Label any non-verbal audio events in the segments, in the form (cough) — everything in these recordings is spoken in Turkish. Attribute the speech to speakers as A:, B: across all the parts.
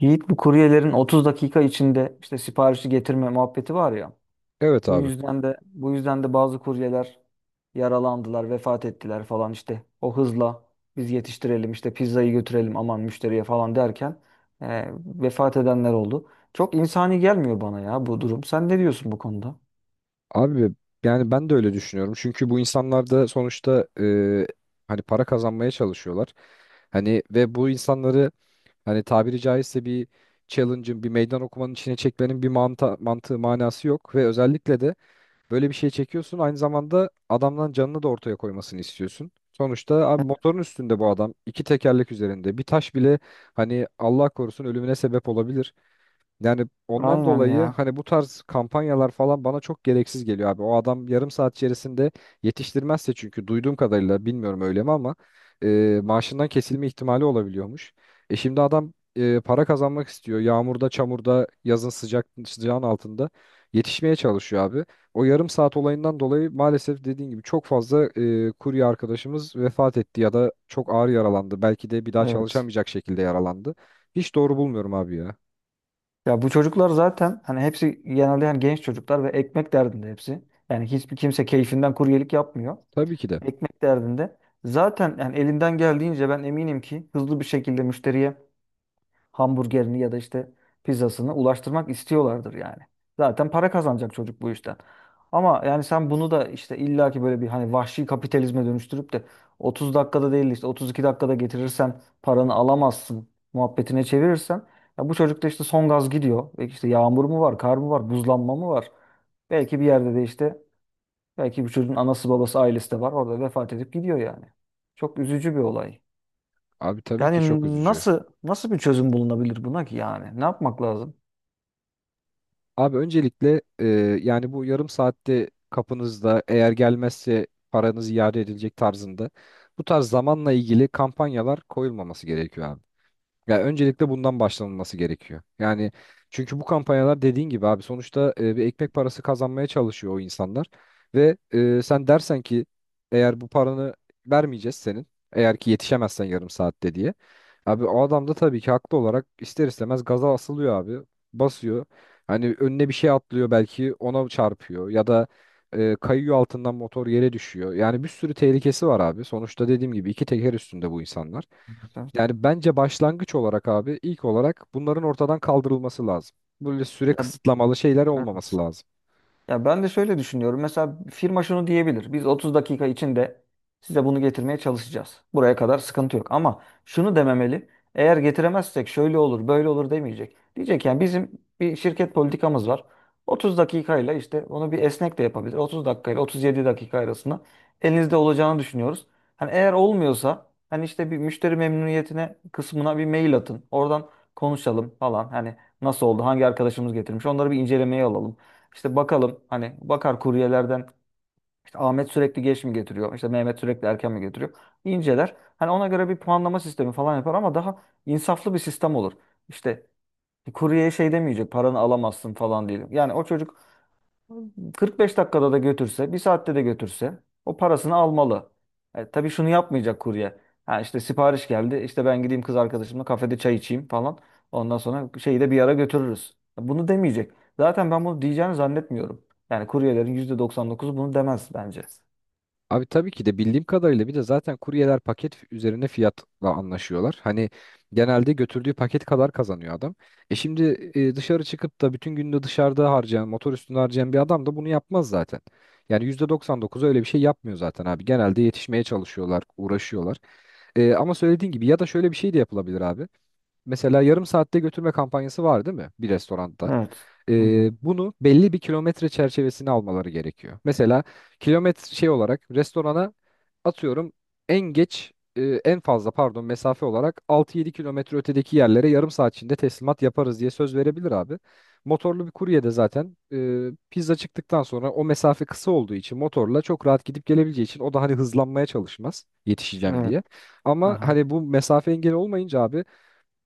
A: Yiğit, bu kuryelerin 30 dakika içinde işte siparişi getirme muhabbeti var ya.
B: Evet
A: Bu
B: abi.
A: yüzden de bu yüzden de bazı kuryeler yaralandılar, vefat ettiler falan işte. O hızla biz yetiştirelim işte pizzayı götürelim aman müşteriye falan derken e, vefat edenler oldu. Çok insani gelmiyor bana ya bu durum. Sen ne diyorsun bu konuda?
B: Abi yani ben de öyle düşünüyorum. Çünkü bu insanlar da sonuçta hani para kazanmaya çalışıyorlar. Hani ve bu insanları hani tabiri caizse bir challenge'ın, bir meydan okumanın içine çekmenin bir mantığı, manası yok. Ve özellikle de böyle bir şey çekiyorsun. Aynı zamanda adamdan canını da ortaya koymasını istiyorsun. Sonuçta abi motorun üstünde bu adam. İki tekerlek üzerinde. Bir taş bile hani Allah korusun ölümüne sebep olabilir. Yani ondan
A: Aynen
B: dolayı
A: ya.
B: hani bu tarz kampanyalar falan bana çok gereksiz geliyor abi. O adam yarım saat içerisinde yetiştirmezse çünkü duyduğum kadarıyla bilmiyorum öyle mi ama maaşından kesilme ihtimali olabiliyormuş. Şimdi adam para kazanmak istiyor. Yağmurda, çamurda, yazın sıcak sıcağın altında yetişmeye çalışıyor abi. O yarım saat olayından dolayı maalesef dediğin gibi çok fazla kurye arkadaşımız vefat etti ya da çok ağır yaralandı. Belki de bir daha
A: Evet.
B: çalışamayacak şekilde yaralandı. Hiç doğru bulmuyorum abi ya.
A: Ya bu çocuklar zaten hani hepsi genelde yani genç çocuklar ve ekmek derdinde hepsi. Yani hiçbir kimse keyfinden kuryelik yapmıyor.
B: Tabii ki de.
A: Ekmek derdinde. Zaten yani elinden geldiğince ben eminim ki hızlı bir şekilde müşteriye hamburgerini ya da işte pizzasını ulaştırmak istiyorlardır yani. Zaten para kazanacak çocuk bu işten. Ama yani sen bunu da işte illaki böyle bir hani vahşi kapitalizme dönüştürüp de 30 dakikada değil de işte 32 dakikada getirirsen paranı alamazsın muhabbetine çevirirsen ya bu çocuk da işte son gaz gidiyor. Belki işte yağmur mu var, kar mı var, buzlanma mı var? Belki bir yerde de işte belki bu çocuğun anası babası ailesi de var. Orada vefat edip gidiyor yani. Çok üzücü bir olay.
B: Abi tabii ki
A: Yani
B: çok üzücü.
A: nasıl bir çözüm bulunabilir buna ki yani? Ne yapmak lazım?
B: Abi öncelikle yani bu yarım saatte kapınızda eğer gelmezse paranız iade edilecek tarzında bu tarz zamanla ilgili kampanyalar koyulmaması gerekiyor abi. Ya öncelikle bundan başlanılması gerekiyor. Yani çünkü bu kampanyalar dediğin gibi abi sonuçta bir ekmek parası kazanmaya çalışıyor o insanlar. Ve sen dersen ki eğer bu paranı vermeyeceğiz senin eğer ki yetişemezsen yarım saatte diye. Abi o adam da tabii ki haklı olarak ister istemez gaza asılıyor abi basıyor. Hani önüne bir şey atlıyor belki ona çarpıyor ya da kayıyor altından motor yere düşüyor. Yani bir sürü tehlikesi var abi. Sonuçta dediğim gibi iki teker üstünde bu insanlar. Yani bence başlangıç olarak abi ilk olarak bunların ortadan kaldırılması lazım. Böyle süre kısıtlamalı şeyler
A: Ya,
B: olmaması lazım.
A: Ya ben de şöyle düşünüyorum. Mesela firma şunu diyebilir. Biz 30 dakika içinde size bunu getirmeye çalışacağız. Buraya kadar sıkıntı yok. Ama şunu dememeli. Eğer getiremezsek şöyle olur, böyle olur demeyecek. Diyecek yani bizim bir şirket politikamız var. 30 dakikayla işte onu bir esnek de yapabilir. 30 dakikayla 37 dakika arasında elinizde olacağını düşünüyoruz. Hani eğer olmuyorsa hani işte bir müşteri memnuniyetine kısmına bir mail atın. Oradan konuşalım falan. Hani nasıl oldu? Hangi arkadaşımız getirmiş? Onları bir incelemeye alalım. İşte bakalım hani bakar kuryelerden işte Ahmet sürekli geç mi getiriyor? İşte Mehmet sürekli erken mi getiriyor? İnceler. Hani ona göre bir puanlama sistemi falan yapar ama daha insaflı bir sistem olur. İşte kuryeye şey demeyecek paranı alamazsın falan diye. Yani o çocuk 45 dakikada da götürse, bir saatte de götürse o parasını almalı. Tabii şunu yapmayacak kurye. Ha işte sipariş geldi. İşte ben gideyim kız arkadaşımla kafede çay içeyim falan. Ondan sonra şeyi de bir ara götürürüz. Bunu demeyecek. Zaten ben bunu diyeceğini zannetmiyorum. Yani kuryelerin %99'u bunu demez bence.
B: Abi tabii ki de bildiğim kadarıyla bir de zaten kuryeler paket üzerine fiyatla anlaşıyorlar. Hani genelde götürdüğü paket kadar kazanıyor adam. Şimdi dışarı çıkıp da bütün günde dışarıda harcayan, motor üstünde harcayan bir adam da bunu yapmaz zaten. Yani %99 öyle bir şey yapmıyor zaten abi. Genelde yetişmeye çalışıyorlar, uğraşıyorlar. Ama söylediğin gibi ya da şöyle bir şey de yapılabilir abi. Mesela yarım saatte götürme kampanyası var değil mi bir restoranda?
A: Evet. Hı hı.
B: Bunu belli bir kilometre çerçevesine almaları gerekiyor. Mesela kilometre şey olarak restorana atıyorum en geç en fazla pardon mesafe olarak 6-7 kilometre ötedeki yerlere yarım saat içinde teslimat yaparız diye söz verebilir abi. Motorlu bir kurye de zaten pizza çıktıktan sonra o mesafe kısa olduğu için motorla çok rahat gidip gelebileceği için o da hani hızlanmaya çalışmaz yetişeceğim
A: Evet.
B: diye. Ama
A: Aha.
B: hani bu mesafe engeli olmayınca abi.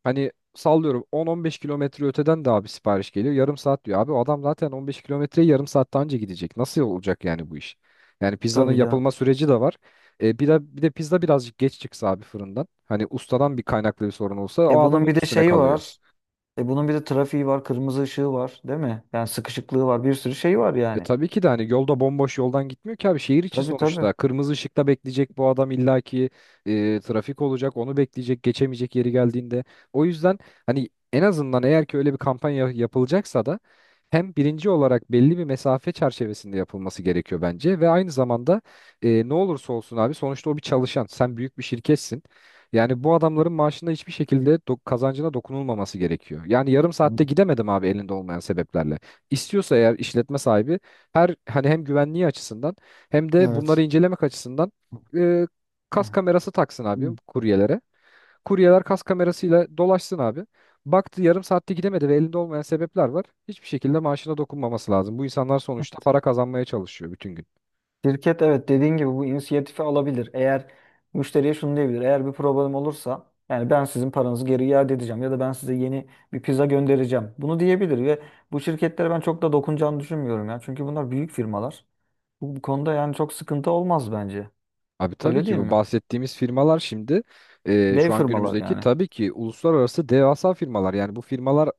B: Hani sallıyorum 10-15 kilometre öteden de abi sipariş geliyor. Yarım saat diyor. Abi o adam zaten 15 kilometreyi yarım saatten önce gidecek. Nasıl olacak yani bu iş? Yani pizzanın
A: Tabii canım.
B: yapılma süreci de var. Bir de pizza birazcık geç çıksa abi fırından. Hani ustadan bir kaynaklı bir sorun olsa o
A: E bunun
B: adamın
A: bir de
B: üstüne
A: şeyi
B: kalıyor.
A: var. E bunun bir de trafiği var, kırmızı ışığı var, değil mi? Yani sıkışıklığı var, bir sürü şey var
B: E
A: yani.
B: tabii ki de hani yolda bomboş yoldan gitmiyor ki abi şehir içi
A: Tabii tabii.
B: sonuçta. Kırmızı ışıkta bekleyecek bu adam illaki trafik olacak onu bekleyecek geçemeyecek yeri geldiğinde. O yüzden hani en azından eğer ki öyle bir kampanya yapılacaksa da hem birinci olarak belli bir mesafe çerçevesinde yapılması gerekiyor bence ve aynı zamanda ne olursa olsun abi sonuçta o bir çalışan sen büyük bir şirketsin. Yani bu adamların maaşında hiçbir şekilde kazancına dokunulmaması gerekiyor. Yani yarım
A: Hı.
B: saatte gidemedim abi elinde olmayan sebeplerle. İstiyorsa eğer işletme sahibi her hani hem güvenliği açısından hem de bunları
A: Evet.
B: incelemek açısından e, kas kamerası taksın abi kuryelere. Kuryeler kas kamerasıyla dolaşsın abi. Baktı yarım saatte gidemedi ve elinde olmayan sebepler var. Hiçbir şekilde maaşına dokunmaması lazım. Bu insanlar sonuçta para kazanmaya çalışıyor bütün gün.
A: Şirket evet dediğin gibi bu inisiyatifi alabilir. Eğer müşteriye şunu diyebilir. Eğer bir problem olursa yani ben sizin paranızı geri iade edeceğim ya da ben size yeni bir pizza göndereceğim. Bunu diyebilir ve bu şirketlere ben çok da dokunacağını düşünmüyorum ya. Çünkü bunlar büyük firmalar. Bu konuda yani çok sıkıntı olmaz bence.
B: Abi tabii
A: Öyle
B: ki
A: değil
B: bu
A: mi?
B: bahsettiğimiz firmalar şimdi
A: Dev
B: şu an
A: firmalar
B: günümüzdeki
A: yani.
B: tabii ki uluslararası devasa firmalar. Yani bu firmalar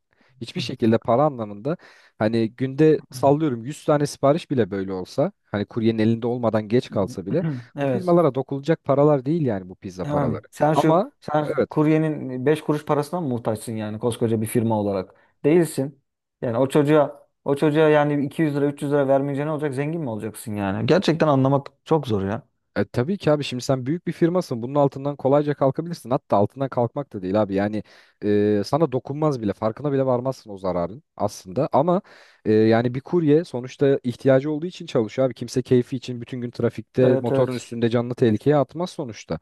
B: hiçbir şekilde para anlamında hani günde sallıyorum 100 tane sipariş bile böyle olsa hani kuryenin elinde olmadan geç kalsa bile
A: (laughs) (clears throat)
B: bu
A: Evet.
B: firmalara dokunulacak paralar değil yani bu pizza
A: Yani
B: paraları.
A: sen şu
B: Ama
A: sen
B: evet.
A: kuryenin 5 kuruş parasına mı muhtaçsın yani koskoca bir firma olarak? Değilsin. Yani o çocuğa yani 200 lira 300 lira vermeyince ne olacak? Zengin mi olacaksın yani? Gerçekten anlamak çok zor ya.
B: Tabii ki abi şimdi sen büyük bir firmasın. Bunun altından kolayca kalkabilirsin. Hatta altından kalkmak da değil abi. Yani sana dokunmaz bile. Farkına bile varmazsın o zararın aslında. Ama yani bir kurye sonuçta ihtiyacı olduğu için çalışıyor abi. Kimse keyfi için bütün gün trafikte
A: Evet
B: motorun
A: evet.
B: üstünde canlı tehlikeye atmaz sonuçta.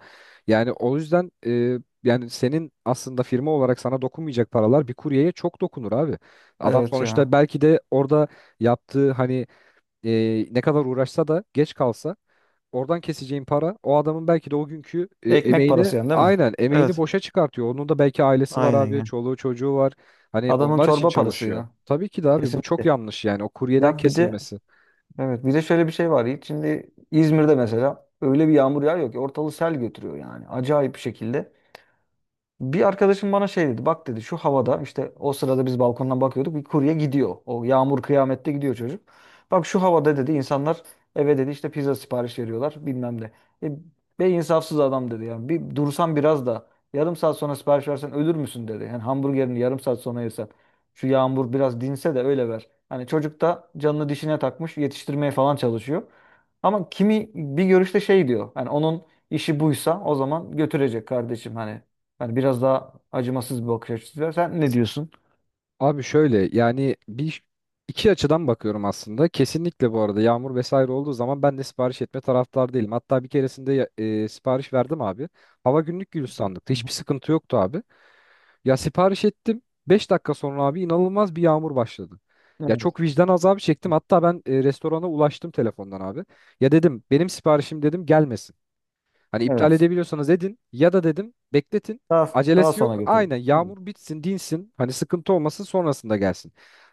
B: Yani o yüzden yani senin aslında firma olarak sana dokunmayacak paralar bir kuryeye çok dokunur abi. Adam
A: Evet
B: sonuçta
A: ya.
B: belki de orada yaptığı hani ne kadar uğraşsa da geç kalsa. Oradan keseceğin para o adamın belki de o günkü
A: Ekmek
B: emeğini
A: parası yani değil mi?
B: aynen emeğini
A: Evet.
B: boşa çıkartıyor. Onun da belki ailesi var
A: Aynen
B: abi,
A: ya.
B: çoluğu çocuğu var. Hani
A: Adamın
B: onlar için
A: çorba parası
B: çalışıyor.
A: ya.
B: Tabii ki de abi bu çok
A: Kesinlikle.
B: yanlış yani o kuryeden
A: Ya bir de
B: kesilmesi.
A: evet bir de şöyle bir şey var. Yiğit. Şimdi İzmir'de mesela öyle bir yağmur yağıyor ki ortalığı sel götürüyor yani. Acayip bir şekilde. Bir arkadaşım bana şey dedi. Bak dedi şu havada işte o sırada biz balkondan bakıyorduk. Bir kurye gidiyor. O yağmur kıyamette gidiyor çocuk. Bak şu havada dedi insanlar eve dedi işte pizza sipariş veriyorlar bilmem ne. E, Be insafsız adam dedi yani. Bir dursan biraz da yarım saat sonra sipariş versen ölür müsün dedi. Yani hamburgerini yarım saat sonra yersen. Şu yağmur biraz dinse de öyle ver. Hani çocuk da canını dişine takmış yetiştirmeye falan çalışıyor. Ama kimi bir görüşte şey diyor. Hani onun işi buysa o zaman götürecek kardeşim hani. Yani biraz daha acımasız bir bakış açısı var. Sen ne diyorsun?
B: Abi şöyle yani bir iki açıdan bakıyorum aslında. Kesinlikle bu arada yağmur vesaire olduğu zaman ben de sipariş etme taraftar değilim. Hatta bir keresinde sipariş verdim abi. Hava günlük gülistanlıktı.
A: Hı
B: Hiçbir
A: hı.
B: sıkıntı yoktu abi. Ya sipariş ettim. 5 dakika sonra abi inanılmaz bir yağmur başladı. Ya
A: Evet.
B: çok vicdan azabı çektim. Hatta ben restorana ulaştım telefondan abi. Ya dedim benim siparişim dedim gelmesin. Hani iptal
A: Evet.
B: edebiliyorsanız edin ya da dedim bekletin.
A: Daha
B: Acelesi
A: sonra
B: yok.
A: getirin.
B: Aynen
A: Hı.
B: yağmur bitsin, dinsin. Hani sıkıntı olmasın sonrasında gelsin.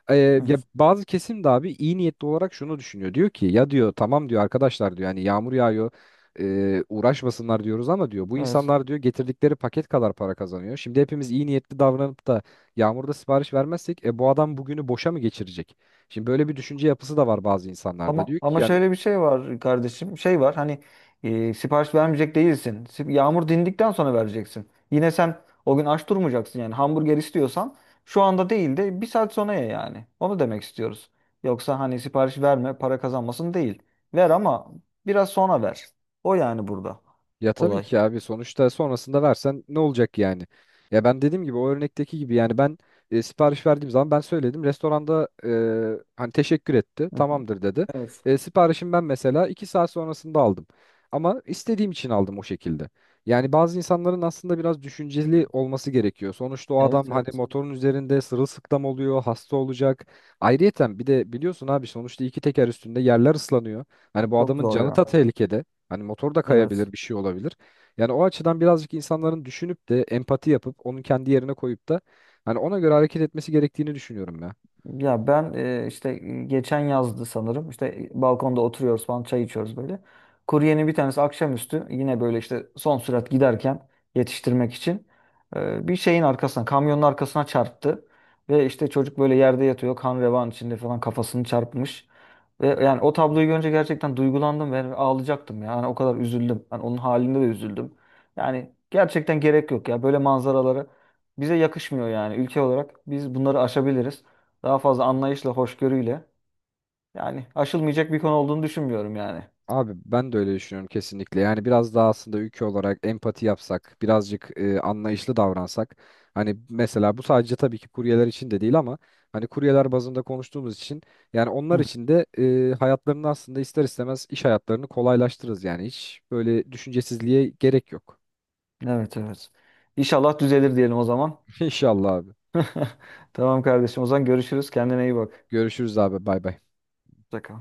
B: Ee, ya
A: Evet.
B: bazı kesim de abi iyi niyetli olarak şunu düşünüyor. Diyor ki ya diyor tamam diyor arkadaşlar diyor yani yağmur yağıyor. Uğraşmasınlar diyoruz ama diyor bu
A: Evet.
B: insanlar diyor getirdikleri paket kadar para kazanıyor. Şimdi hepimiz iyi niyetli davranıp da yağmurda sipariş vermezsek bu adam bugünü boşa mı geçirecek? Şimdi böyle bir düşünce yapısı da var bazı insanlarda.
A: Ama,
B: Diyor
A: ama
B: ki yani.
A: şöyle bir şey var kardeşim. Şey var hani sipariş vermeyecek değilsin. Yağmur dindikten sonra vereceksin. Yine sen o gün aç durmayacaksın yani. Hamburger istiyorsan şu anda değil de bir saat sonra ye yani. Onu demek istiyoruz. Yoksa hani sipariş verme para kazanmasın değil. Ver ama biraz sonra ver. O yani burada
B: Ya tabii
A: olay.
B: ki abi sonuçta sonrasında versen ne olacak yani? Ya ben dediğim gibi o örnekteki gibi yani ben sipariş verdiğim zaman ben söyledim. Restoranda hani teşekkür etti
A: Hı hı.
B: tamamdır dedi.
A: Evet.
B: Siparişimi ben mesela 2 saat sonrasında aldım. Ama istediğim için aldım o şekilde. Yani bazı insanların aslında biraz düşünceli olması gerekiyor. Sonuçta o
A: Evet
B: adam hani
A: evet.
B: motorun üzerinde sırılsıklam oluyor, hasta olacak. Ayrıyeten bir de biliyorsun abi sonuçta iki teker üstünde yerler ıslanıyor. Hani bu
A: Çok
B: adamın
A: zor
B: canı da
A: ya.
B: tehlikede. Hani motor da
A: Evet.
B: kayabilir, bir şey olabilir. Yani o açıdan birazcık insanların düşünüp de empati yapıp onun kendi yerine koyup da hani ona göre hareket etmesi gerektiğini düşünüyorum ya.
A: Ya ben işte geçen yazdı sanırım. İşte balkonda oturuyoruz falan çay içiyoruz böyle. Kuryenin bir tanesi akşamüstü yine böyle işte son sürat giderken yetiştirmek için bir şeyin arkasına kamyonun arkasına çarptı. Ve işte çocuk böyle yerde yatıyor kan revan içinde falan kafasını çarpmış. Ve yani o tabloyu görünce gerçekten duygulandım ve ağlayacaktım ya. Yani o kadar üzüldüm. Yani onun halinde de üzüldüm. Yani gerçekten gerek yok ya. Böyle manzaralara bize yakışmıyor yani. Ülke olarak biz bunları aşabiliriz. Daha fazla anlayışla, hoşgörüyle. Yani aşılmayacak bir konu olduğunu düşünmüyorum yani.
B: Abi ben de öyle düşünüyorum kesinlikle. Yani biraz daha aslında ülke olarak empati yapsak, birazcık anlayışlı davransak. Hani mesela bu sadece tabii ki kuryeler için de değil ama hani kuryeler bazında konuştuğumuz için yani onlar
A: Hı.
B: için de hayatlarını aslında ister istemez iş hayatlarını kolaylaştırırız yani hiç böyle düşüncesizliğe gerek yok.
A: Evet evet. İnşallah düzelir diyelim o zaman.
B: (laughs) İnşallah abi.
A: (laughs) Tamam kardeşim. O zaman görüşürüz. Kendine iyi bak.
B: Görüşürüz abi. Bay bay.
A: Hoşça kal.